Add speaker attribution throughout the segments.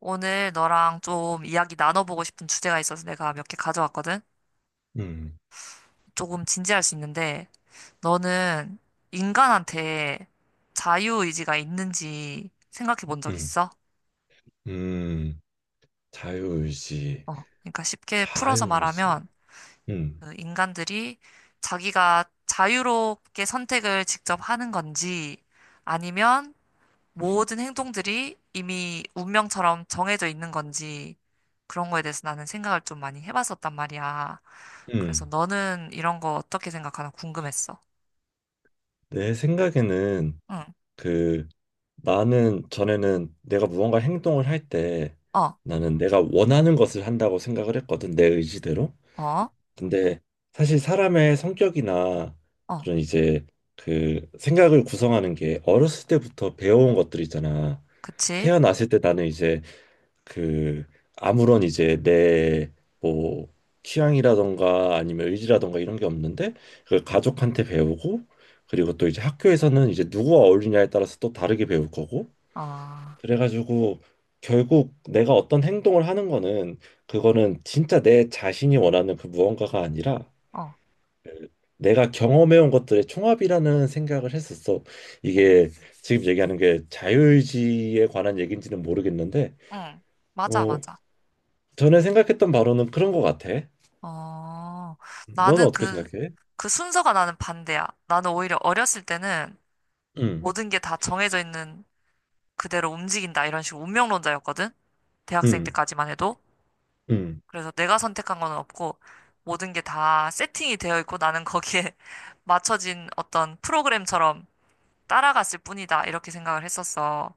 Speaker 1: 오늘 너랑 좀 이야기 나눠보고 싶은 주제가 있어서 내가 몇 개 가져왔거든?
Speaker 2: 음,
Speaker 1: 조금 진지할 수 있는데, 너는 인간한테 자유의지가 있는지 생각해 본 적
Speaker 2: 음,
Speaker 1: 있어?
Speaker 2: 음, 자유의지,
Speaker 1: 어, 그러니까 쉽게 풀어서
Speaker 2: 자유의지.
Speaker 1: 말하면,
Speaker 2: 음,
Speaker 1: 그 인간들이 자기가 자유롭게 선택을 직접 하는 건지, 아니면 모든 행동들이 이미 운명처럼 정해져 있는 건지, 그런 거에 대해서 나는 생각을 좀 많이 해봤었단 말이야. 그래서
Speaker 2: 음.
Speaker 1: 너는 이런 거 어떻게 생각하나 궁금했어.
Speaker 2: 내 생각에는
Speaker 1: 응,
Speaker 2: 그 나는 전에는 내가 무언가 행동을 할 때
Speaker 1: 어,
Speaker 2: 나는 내가 원하는 것을 한다고 생각을 했거든, 내 의지대로.
Speaker 1: 어,
Speaker 2: 근데 사실 사람의 성격이나
Speaker 1: 어,
Speaker 2: 그런 이제 그 생각을 구성하는 게 어렸을 때부터 배워온 것들이잖아.
Speaker 1: 그치?
Speaker 2: 태어났을 때 나는 이제 그 아무런 이제 내 뭐 취향이라던가 아니면 의지라던가 이런 게 없는데 그걸 가족한테 배우고 그리고 또 이제 학교에서는 이제 누구와 어울리냐에 따라서 또 다르게 배울 거고
Speaker 1: 어,
Speaker 2: 그래가지고 결국 내가 어떤 행동을 하는 거는 그거는 진짜 내 자신이 원하는 그 무언가가 아니라
Speaker 1: 어,
Speaker 2: 내가 경험해온 것들의 총합이라는 생각을 했었어.
Speaker 1: 어,
Speaker 2: 이게 지금 얘기하는 게 자유의지에 관한 얘기인지는 모르겠는데
Speaker 1: 응, 맞아,
Speaker 2: 어,
Speaker 1: 맞아.
Speaker 2: 전에 생각했던 바로는 그런 것 같아.
Speaker 1: 어,
Speaker 2: 너는
Speaker 1: 나는
Speaker 2: 어떻게
Speaker 1: 그,
Speaker 2: 생각해?
Speaker 1: 그 순서가 나는 반대야. 나는 오히려 어렸을 때는
Speaker 2: 응,
Speaker 1: 모든 게 다 정해져 있는 그대로 움직인다. 이런 식으로 운명론자였거든. 대학생
Speaker 2: 응,
Speaker 1: 때까지만 해도.
Speaker 2: 응,
Speaker 1: 그래서 내가 선택한 건 없고, 모든 게 다 세팅이 되어 있고, 나는 거기에 맞춰진 어떤 프로그램처럼 따라갔을 뿐이다. 이렇게 생각을 했었어.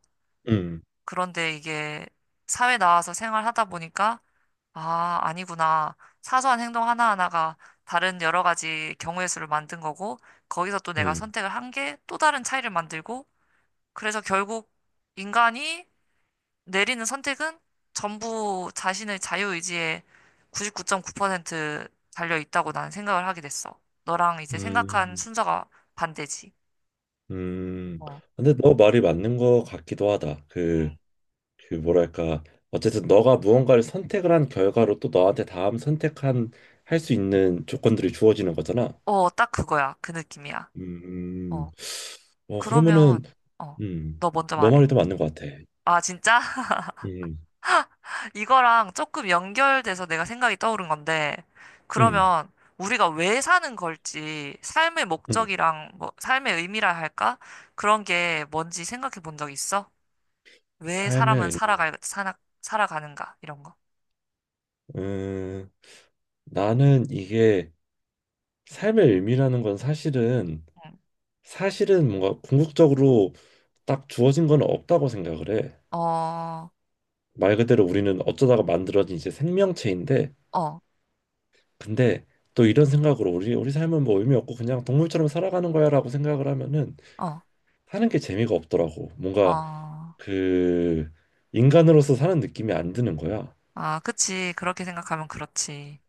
Speaker 2: 응,
Speaker 1: 그런데 이게 사회 나와서 생활하다 보니까, 아, 아니구나. 사소한 행동 하나하나가 다른 여러 가지 경우의 수를 만든 거고, 거기서 또 내가
Speaker 2: 응,
Speaker 1: 선택을 한 게 또 다른 차이를 만들고, 그래서 결국 인간이 내리는 선택은 전부 자신의 자유의지에 99.9% 달려 있다고 나는 생각을 하게 됐어. 너랑 이제 생각한
Speaker 2: 응,
Speaker 1: 순서가 반대지.
Speaker 2: 응.
Speaker 1: 어,
Speaker 2: 근데 너 말이 맞는 것 같기도 하다.
Speaker 1: 음.
Speaker 2: 그 뭐랄까. 어쨌든 너가 무언가를 선택을 한 결과로 또 너한테 다음 선택한 할 수 있는 조건들이 주어지는 거잖아.
Speaker 1: 어, 딱 그거야. 그 느낌이야.
Speaker 2: 음,
Speaker 1: 어, 그러면,
Speaker 2: 그러면은,
Speaker 1: 어,
Speaker 2: 음,
Speaker 1: 너 먼저
Speaker 2: 너
Speaker 1: 말해.
Speaker 2: 말이 더 맞는 것 같아.
Speaker 1: 아, 진짜?
Speaker 2: 음,
Speaker 1: 이거랑 조금 연결돼서 내가 생각이 떠오른 건데,
Speaker 2: 음,
Speaker 1: 그러면 우리가 왜 사는 걸지, 삶의
Speaker 2: 음.
Speaker 1: 목적이랑 뭐, 삶의 의미라 할까? 그런 게 뭔지 생각해 본 적 있어? 왜
Speaker 2: 삶의
Speaker 1: 사람은
Speaker 2: 의미.
Speaker 1: 살아가는가? 이런 거.
Speaker 2: 음, 나는 이게 삶의 의미라는 건 사실은
Speaker 1: 응.
Speaker 2: 사실은 뭔가 궁극적으로 딱 주어진 건 없다고 생각을 해.
Speaker 1: 어,
Speaker 2: 말 그대로 우리는 어쩌다가 만들어진 이제 생명체인데
Speaker 1: 어,
Speaker 2: 근데 또 이런 생각으로 우리 삶은 뭐 의미 없고 그냥 동물처럼 살아가는 거야라고 생각을 하면은
Speaker 1: 어,
Speaker 2: 사는 게 재미가 없더라고. 뭔가
Speaker 1: 어.
Speaker 2: 그 인간으로서 사는 느낌이 안 드는 거야.
Speaker 1: 아, 그치. 그렇게 생각하면 그렇지.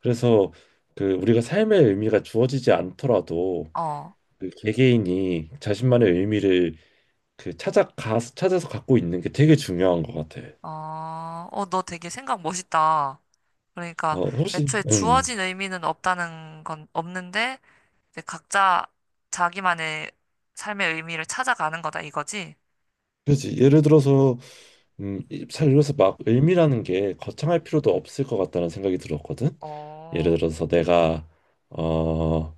Speaker 2: 그래서 그 우리가 삶의 의미가 주어지지 않더라도
Speaker 1: 어,
Speaker 2: 그 개개인이 자신만의 의미를 그 찾아가 찾아서 갖고 있는 게 되게 중요한 것 같아.
Speaker 1: 어, 어, 너 되게 생각 멋있다. 그러니까
Speaker 2: 혹시
Speaker 1: 애초에 주어진 의미는 없다는 건 없는데 이제 각자 자기만의 삶의 의미를 찾아가는 거다 이거지?
Speaker 2: 그렇지. 예를 들어서 음잘 읽어서 막 의미라는 게 거창할 필요도 없을 것 같다는 생각이 들었거든. 예를
Speaker 1: 어,
Speaker 2: 들어서 내가 어,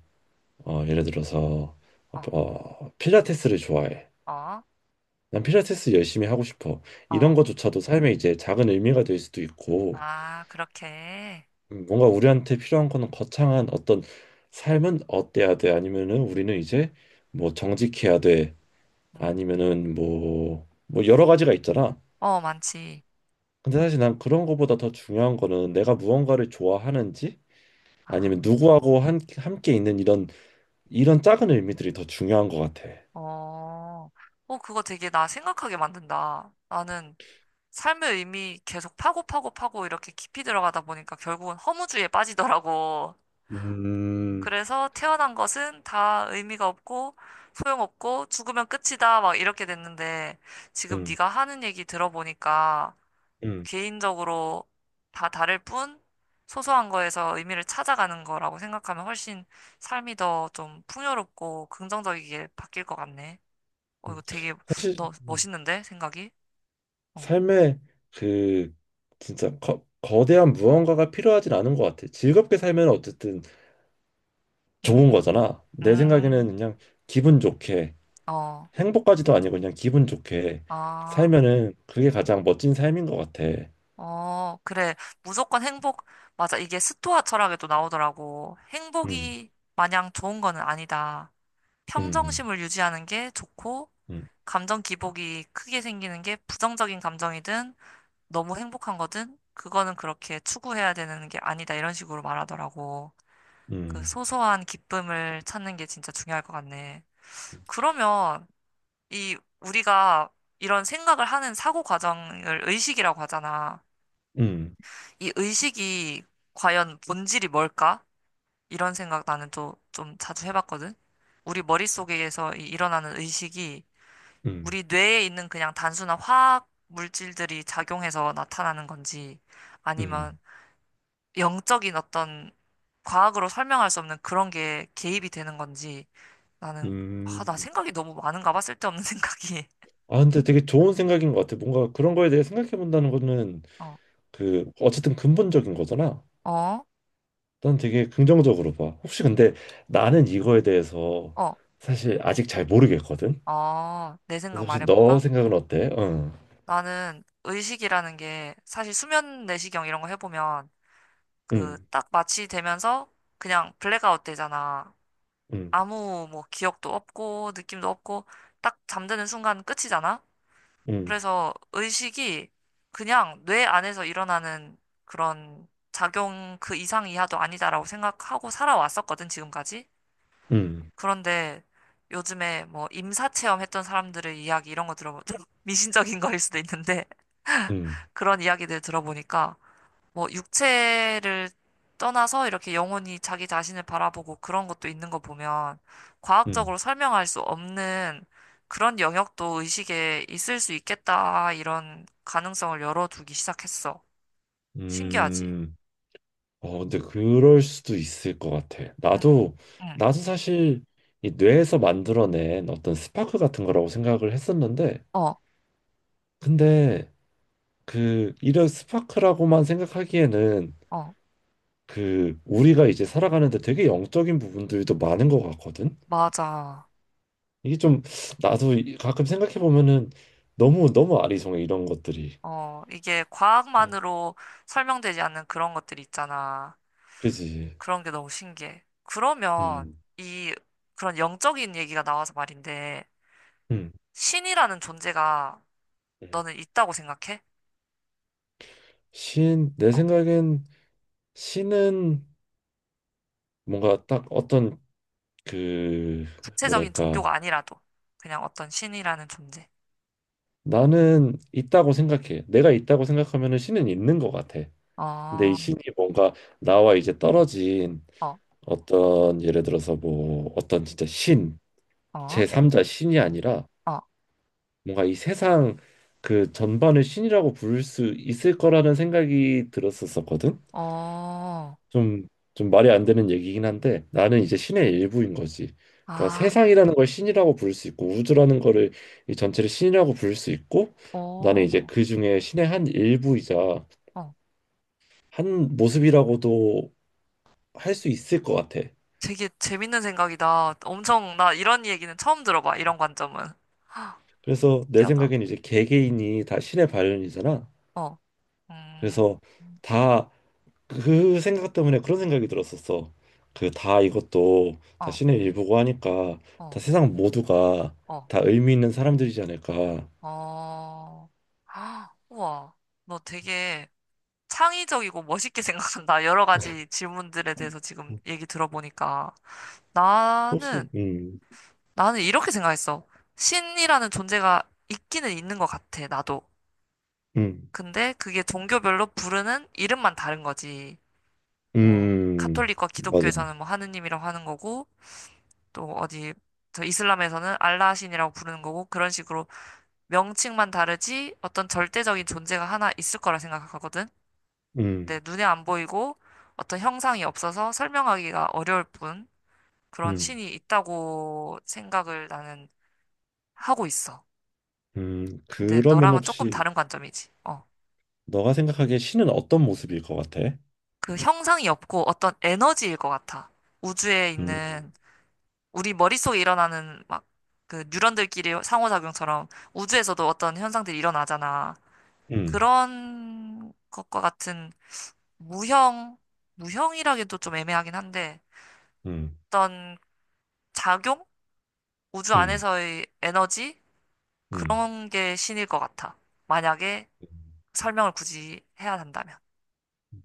Speaker 2: 예를 들어서
Speaker 1: 어,
Speaker 2: 필라테스를 좋아해.
Speaker 1: 어,
Speaker 2: 난 필라테스 열심히 하고 싶어.
Speaker 1: 어,
Speaker 2: 이런 것조차도 삶에 이제 작은 의미가 될 수도 있고
Speaker 1: 아, 그렇게.
Speaker 2: 뭔가 우리한테 필요한 거는 거창한 어떤 삶은 어때야 돼 아니면은 우리는 이제 뭐 정직해야 돼
Speaker 1: 음,
Speaker 2: 아니면은 뭐, 뭐 여러 가지가 있잖아.
Speaker 1: 어, 많지.
Speaker 2: 근데 사실 난 그런 거보다 더 중요한 거는 내가 무언가를 좋아하는지 아니면
Speaker 1: 아,
Speaker 2: 누구하고 함께 있는 이런 작은 의미들이 더 중요한 것 같아.
Speaker 1: 어, 어, 그거 되게 나 생각하게 만든다. 나는 삶의 의미 계속 파고 파고 파고 이렇게 깊이 들어가다 보니까 결국은 허무주의에 빠지더라고.
Speaker 2: 음,
Speaker 1: 그래서 태어난 것은 다 의미가 없고 소용없고 죽으면 끝이다 막 이렇게 됐는데 지금
Speaker 2: 음,
Speaker 1: 네가 하는 얘기 들어보니까
Speaker 2: 음,
Speaker 1: 개인적으로 다 다를 뿐 소소한 거에서 의미를 찾아가는 거라고 생각하면 훨씬 삶이 더 좀 풍요롭고 긍정적이게 바뀔 것 같네. 어,
Speaker 2: 음.
Speaker 1: 이거 되게
Speaker 2: 사실
Speaker 1: 너 멋있는데 생각이? 어.
Speaker 2: 삶에 그 진짜 거대한 무언가가 필요하진 않은 것 같아. 즐겁게 살면 어쨌든 좋은
Speaker 1: 음,
Speaker 2: 거잖아. 내 생각에는
Speaker 1: 음,
Speaker 2: 그냥 기분 좋게
Speaker 1: 어,
Speaker 2: 행복까지도 아니고 그냥 기분 좋게
Speaker 1: 아.
Speaker 2: 살면은 그게 가장 멋진 삶인 것 같아.
Speaker 1: 어, 그래. 무조건 행복, 맞아. 이게 스토아 철학에도 나오더라고.
Speaker 2: 음,
Speaker 1: 행복이 마냥 좋은 거는 아니다.
Speaker 2: 음,
Speaker 1: 평정심을 유지하는 게 좋고,
Speaker 2: 음,
Speaker 1: 감정 기복이 크게 생기는 게 부정적인 감정이든 너무 행복한 거든 그거는 그렇게 추구해야 되는 게 아니다. 이런 식으로 말하더라고. 그
Speaker 2: 음,
Speaker 1: 소소한 기쁨을 찾는 게 진짜 중요할 것 같네. 그러면 이 우리가 이런 생각을 하는 사고 과정을 의식이라고 하잖아.
Speaker 2: 음,
Speaker 1: 이 의식이 과연 본질이 뭘까? 이런 생각 나는 또 좀 자주 해봤거든. 우리 머릿속에서 일어나는 의식이
Speaker 2: 음,
Speaker 1: 우리 뇌에 있는 그냥 단순한 화학 물질들이 작용해서 나타나는 건지
Speaker 2: 음,
Speaker 1: 아니면 영적인 어떤 과학으로 설명할 수 없는 그런 게 개입이 되는 건지 나는 아, 나
Speaker 2: 음.
Speaker 1: 생각이 너무 많은가 봐 쓸데없는 생각이
Speaker 2: 아, 근데 되게 좋은 생각인 것 같아. 뭔가 그런 거에 대해 생각해 본다는 거는
Speaker 1: 어,
Speaker 2: 그 어쨌든 근본적인 거잖아.
Speaker 1: 어,
Speaker 2: 난 되게 긍정적으로 봐. 혹시 근데 나는 이거에 대해서
Speaker 1: 어,
Speaker 2: 사실 아직 잘 모르겠거든.
Speaker 1: 어, 내
Speaker 2: 그래서
Speaker 1: 생각
Speaker 2: 혹시 너
Speaker 1: 말해볼까?
Speaker 2: 생각은 어때? 응,
Speaker 1: 나는 의식이라는 게 사실 수면 내시경 이런 거 해보면 그
Speaker 2: 응,
Speaker 1: 딱 마취되면서 그냥 블랙아웃 되잖아.
Speaker 2: 응,
Speaker 1: 아무 뭐 기억도 없고 느낌도 없고 딱 잠드는 순간 끝이잖아.
Speaker 2: 응,
Speaker 1: 그래서 의식이 그냥 뇌 안에서 일어나는 그런 작용 그 이상 이하도 아니다라고 생각하고 살아왔었거든, 지금까지.
Speaker 2: 응,
Speaker 1: 그런데 요즘에 뭐 임사 체험했던 사람들의 이야기 이런 거 들어보면 미신적인 거일 수도 있는데
Speaker 2: 응,
Speaker 1: 그런 이야기들 들어보니까 뭐 육체를 떠나서 이렇게 영혼이 자기 자신을 바라보고 그런 것도 있는 거 보면
Speaker 2: 응,
Speaker 1: 과학적으로 설명할 수 없는 그런 영역도 의식에 있을 수 있겠다 이런 가능성을 열어두기 시작했어. 신기하지?
Speaker 2: 응. 어, 근데 그럴 수도 있을 것 같아.
Speaker 1: 응,
Speaker 2: 나도,
Speaker 1: 응.
Speaker 2: 나도 사실 이 뇌에서 만들어낸 어떤 스파크 같은 거라고 생각을 했었는데,
Speaker 1: 어,
Speaker 2: 근데 그 이런 스파크라고만 생각하기에는
Speaker 1: 어,
Speaker 2: 그 우리가 이제 살아가는데 되게 영적인 부분들도 많은 것 같거든.
Speaker 1: 맞아.
Speaker 2: 이게 좀 나도 가끔 생각해 보면은 너무 너무 아리송해 이런 것들이.
Speaker 1: 어, 이게
Speaker 2: 어,
Speaker 1: 과학만으로 설명되지 않는 그런 것들이 있잖아.
Speaker 2: 그지.
Speaker 1: 그런 게 너무 신기해. 그러면
Speaker 2: 음,
Speaker 1: 이 그런 영적인 얘기가 나와서 말인데
Speaker 2: 음,
Speaker 1: 신이라는 존재가
Speaker 2: 음.
Speaker 1: 너는 있다고 생각해?
Speaker 2: 신, 내
Speaker 1: 어.
Speaker 2: 생각엔 신은 뭔가 딱 어떤 그
Speaker 1: 구체적인
Speaker 2: 뭐랄까
Speaker 1: 종교가 아니라도 그냥 어떤 신이라는 존재.
Speaker 2: 나는 있다고 생각해. 내가 있다고 생각하면은 신은 있는 것 같아. 근데 이
Speaker 1: 어,
Speaker 2: 신이 뭔가 나와 이제 떨어진
Speaker 1: 어,
Speaker 2: 어떤 예를 들어서 뭐 어떤 진짜 신,
Speaker 1: 어,
Speaker 2: 제3자 신이 아니라
Speaker 1: 어,
Speaker 2: 뭔가 이 세상 그 전반을 신이라고 부를 수 있을 거라는 생각이 들었었거든.
Speaker 1: 어,
Speaker 2: 좀, 좀 말이 안 되는 얘기긴 한데 나는 이제 신의 일부인 거지. 그러니까
Speaker 1: 아,
Speaker 2: 세상이라는 걸 신이라고 부를 수 있고 우주라는 거를 이 전체를 신이라고 부를 수 있고 나는 이제
Speaker 1: 어,
Speaker 2: 그 중에 신의 한 일부이자
Speaker 1: 어.
Speaker 2: 한 모습이라고도 할 수 있을 것 같아.
Speaker 1: 되게 재밌는 생각이다. 엄청 나 이런 얘기는 처음 들어봐. 이런 관점은. 헉,
Speaker 2: 그래서 내
Speaker 1: 신기하다.
Speaker 2: 생각엔 이제 개개인이 다 신의 발현이잖아.
Speaker 1: 어, 음,
Speaker 2: 그래서 다 그 생각 때문에 그런 생각이 들었었어. 그 다 이것도 다
Speaker 1: 어,
Speaker 2: 신의 일부고 하니까 다
Speaker 1: 어,
Speaker 2: 세상 모두가
Speaker 1: 어,
Speaker 2: 다 의미 있는 사람들이지 않을까.
Speaker 1: 어. 헉, 우와, 너 되게 창의적이고 멋있게 생각한다. 여러 가지 질문들에 대해서 지금 얘기 들어보니까.
Speaker 2: 혹시
Speaker 1: 나는, 나는 이렇게 생각했어. 신이라는 존재가 있기는 있는 것 같아, 나도.
Speaker 2: 음,
Speaker 1: 근데 그게 종교별로 부르는 이름만 다른 거지. 뭐, 카톨릭과
Speaker 2: 맞아.
Speaker 1: 기독교에서는 뭐 하느님이라고 하는 거고, 또 어디, 저 이슬람에서는 알라 신이라고 부르는 거고, 그런 식으로 명칭만 다르지 어떤 절대적인 존재가 하나 있을 거라 생각하거든.
Speaker 2: 음,
Speaker 1: 근데 눈에 안 보이고 어떤 형상이 없어서 설명하기가 어려울 뿐, 그런
Speaker 2: 음,
Speaker 1: 신이 있다고 생각을 나는 하고 있어. 근데
Speaker 2: 그러면
Speaker 1: 너랑은 조금
Speaker 2: 혹시
Speaker 1: 다른 관점이지. 어.
Speaker 2: 너가 생각하기에 신은 어떤 모습일 것 같아?
Speaker 1: 그 형상이 없고 어떤 에너지일 것 같아. 우주에
Speaker 2: 음,
Speaker 1: 있는 우리 머릿속에 일어나는 막 그 뉴런들끼리 상호작용처럼 우주에서도 어떤 현상들이 일어나잖아.
Speaker 2: 음,
Speaker 1: 그런 것과 같은 무형, 무형이라기도 좀 애매하긴 한데
Speaker 2: 음,
Speaker 1: 어떤 작용? 우주
Speaker 2: 음,
Speaker 1: 안에서의 에너지?
Speaker 2: 음.
Speaker 1: 그런 게 신일 것 같아. 만약에 설명을 굳이 해야 한다면.
Speaker 2: 음.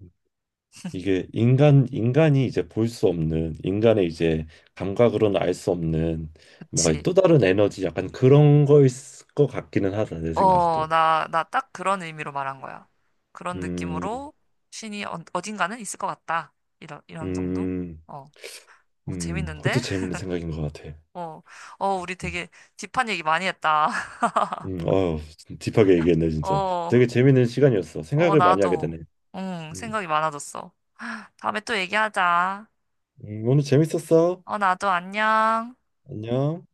Speaker 2: 이게 인간이 이제 볼 수 없는 인간의 이제 감각으로는 알 수 없는 뭔가
Speaker 1: 그치.
Speaker 2: 또 다른 에너지 약간 그런 거일 것 같기는 하다 내
Speaker 1: 어,
Speaker 2: 생각도.
Speaker 1: 나 딱 그런 의미로 말한 거야. 그런
Speaker 2: 음,
Speaker 1: 느낌으로 신이 어, 어딘가는 있을 것 같다. 이런, 이런 정도?
Speaker 2: 음,
Speaker 1: 어, 어,
Speaker 2: 그것도
Speaker 1: 재밌는데?
Speaker 2: 재밌는 생각인 것 같아.
Speaker 1: 어, 어, 우리
Speaker 2: 음.
Speaker 1: 되게 딥한 얘기 많이 했다.
Speaker 2: 어우, 딥하게 얘기했네, 진짜.
Speaker 1: 어,
Speaker 2: 되게 재밌는 시간이었어.
Speaker 1: 어,
Speaker 2: 생각을 많이 하게
Speaker 1: 나도,
Speaker 2: 되네.
Speaker 1: 응,
Speaker 2: 음,
Speaker 1: 생각이 많아졌어. 다음에 또 얘기하자.
Speaker 2: 오늘 재밌었어.
Speaker 1: 어, 나도 안녕.
Speaker 2: 안녕.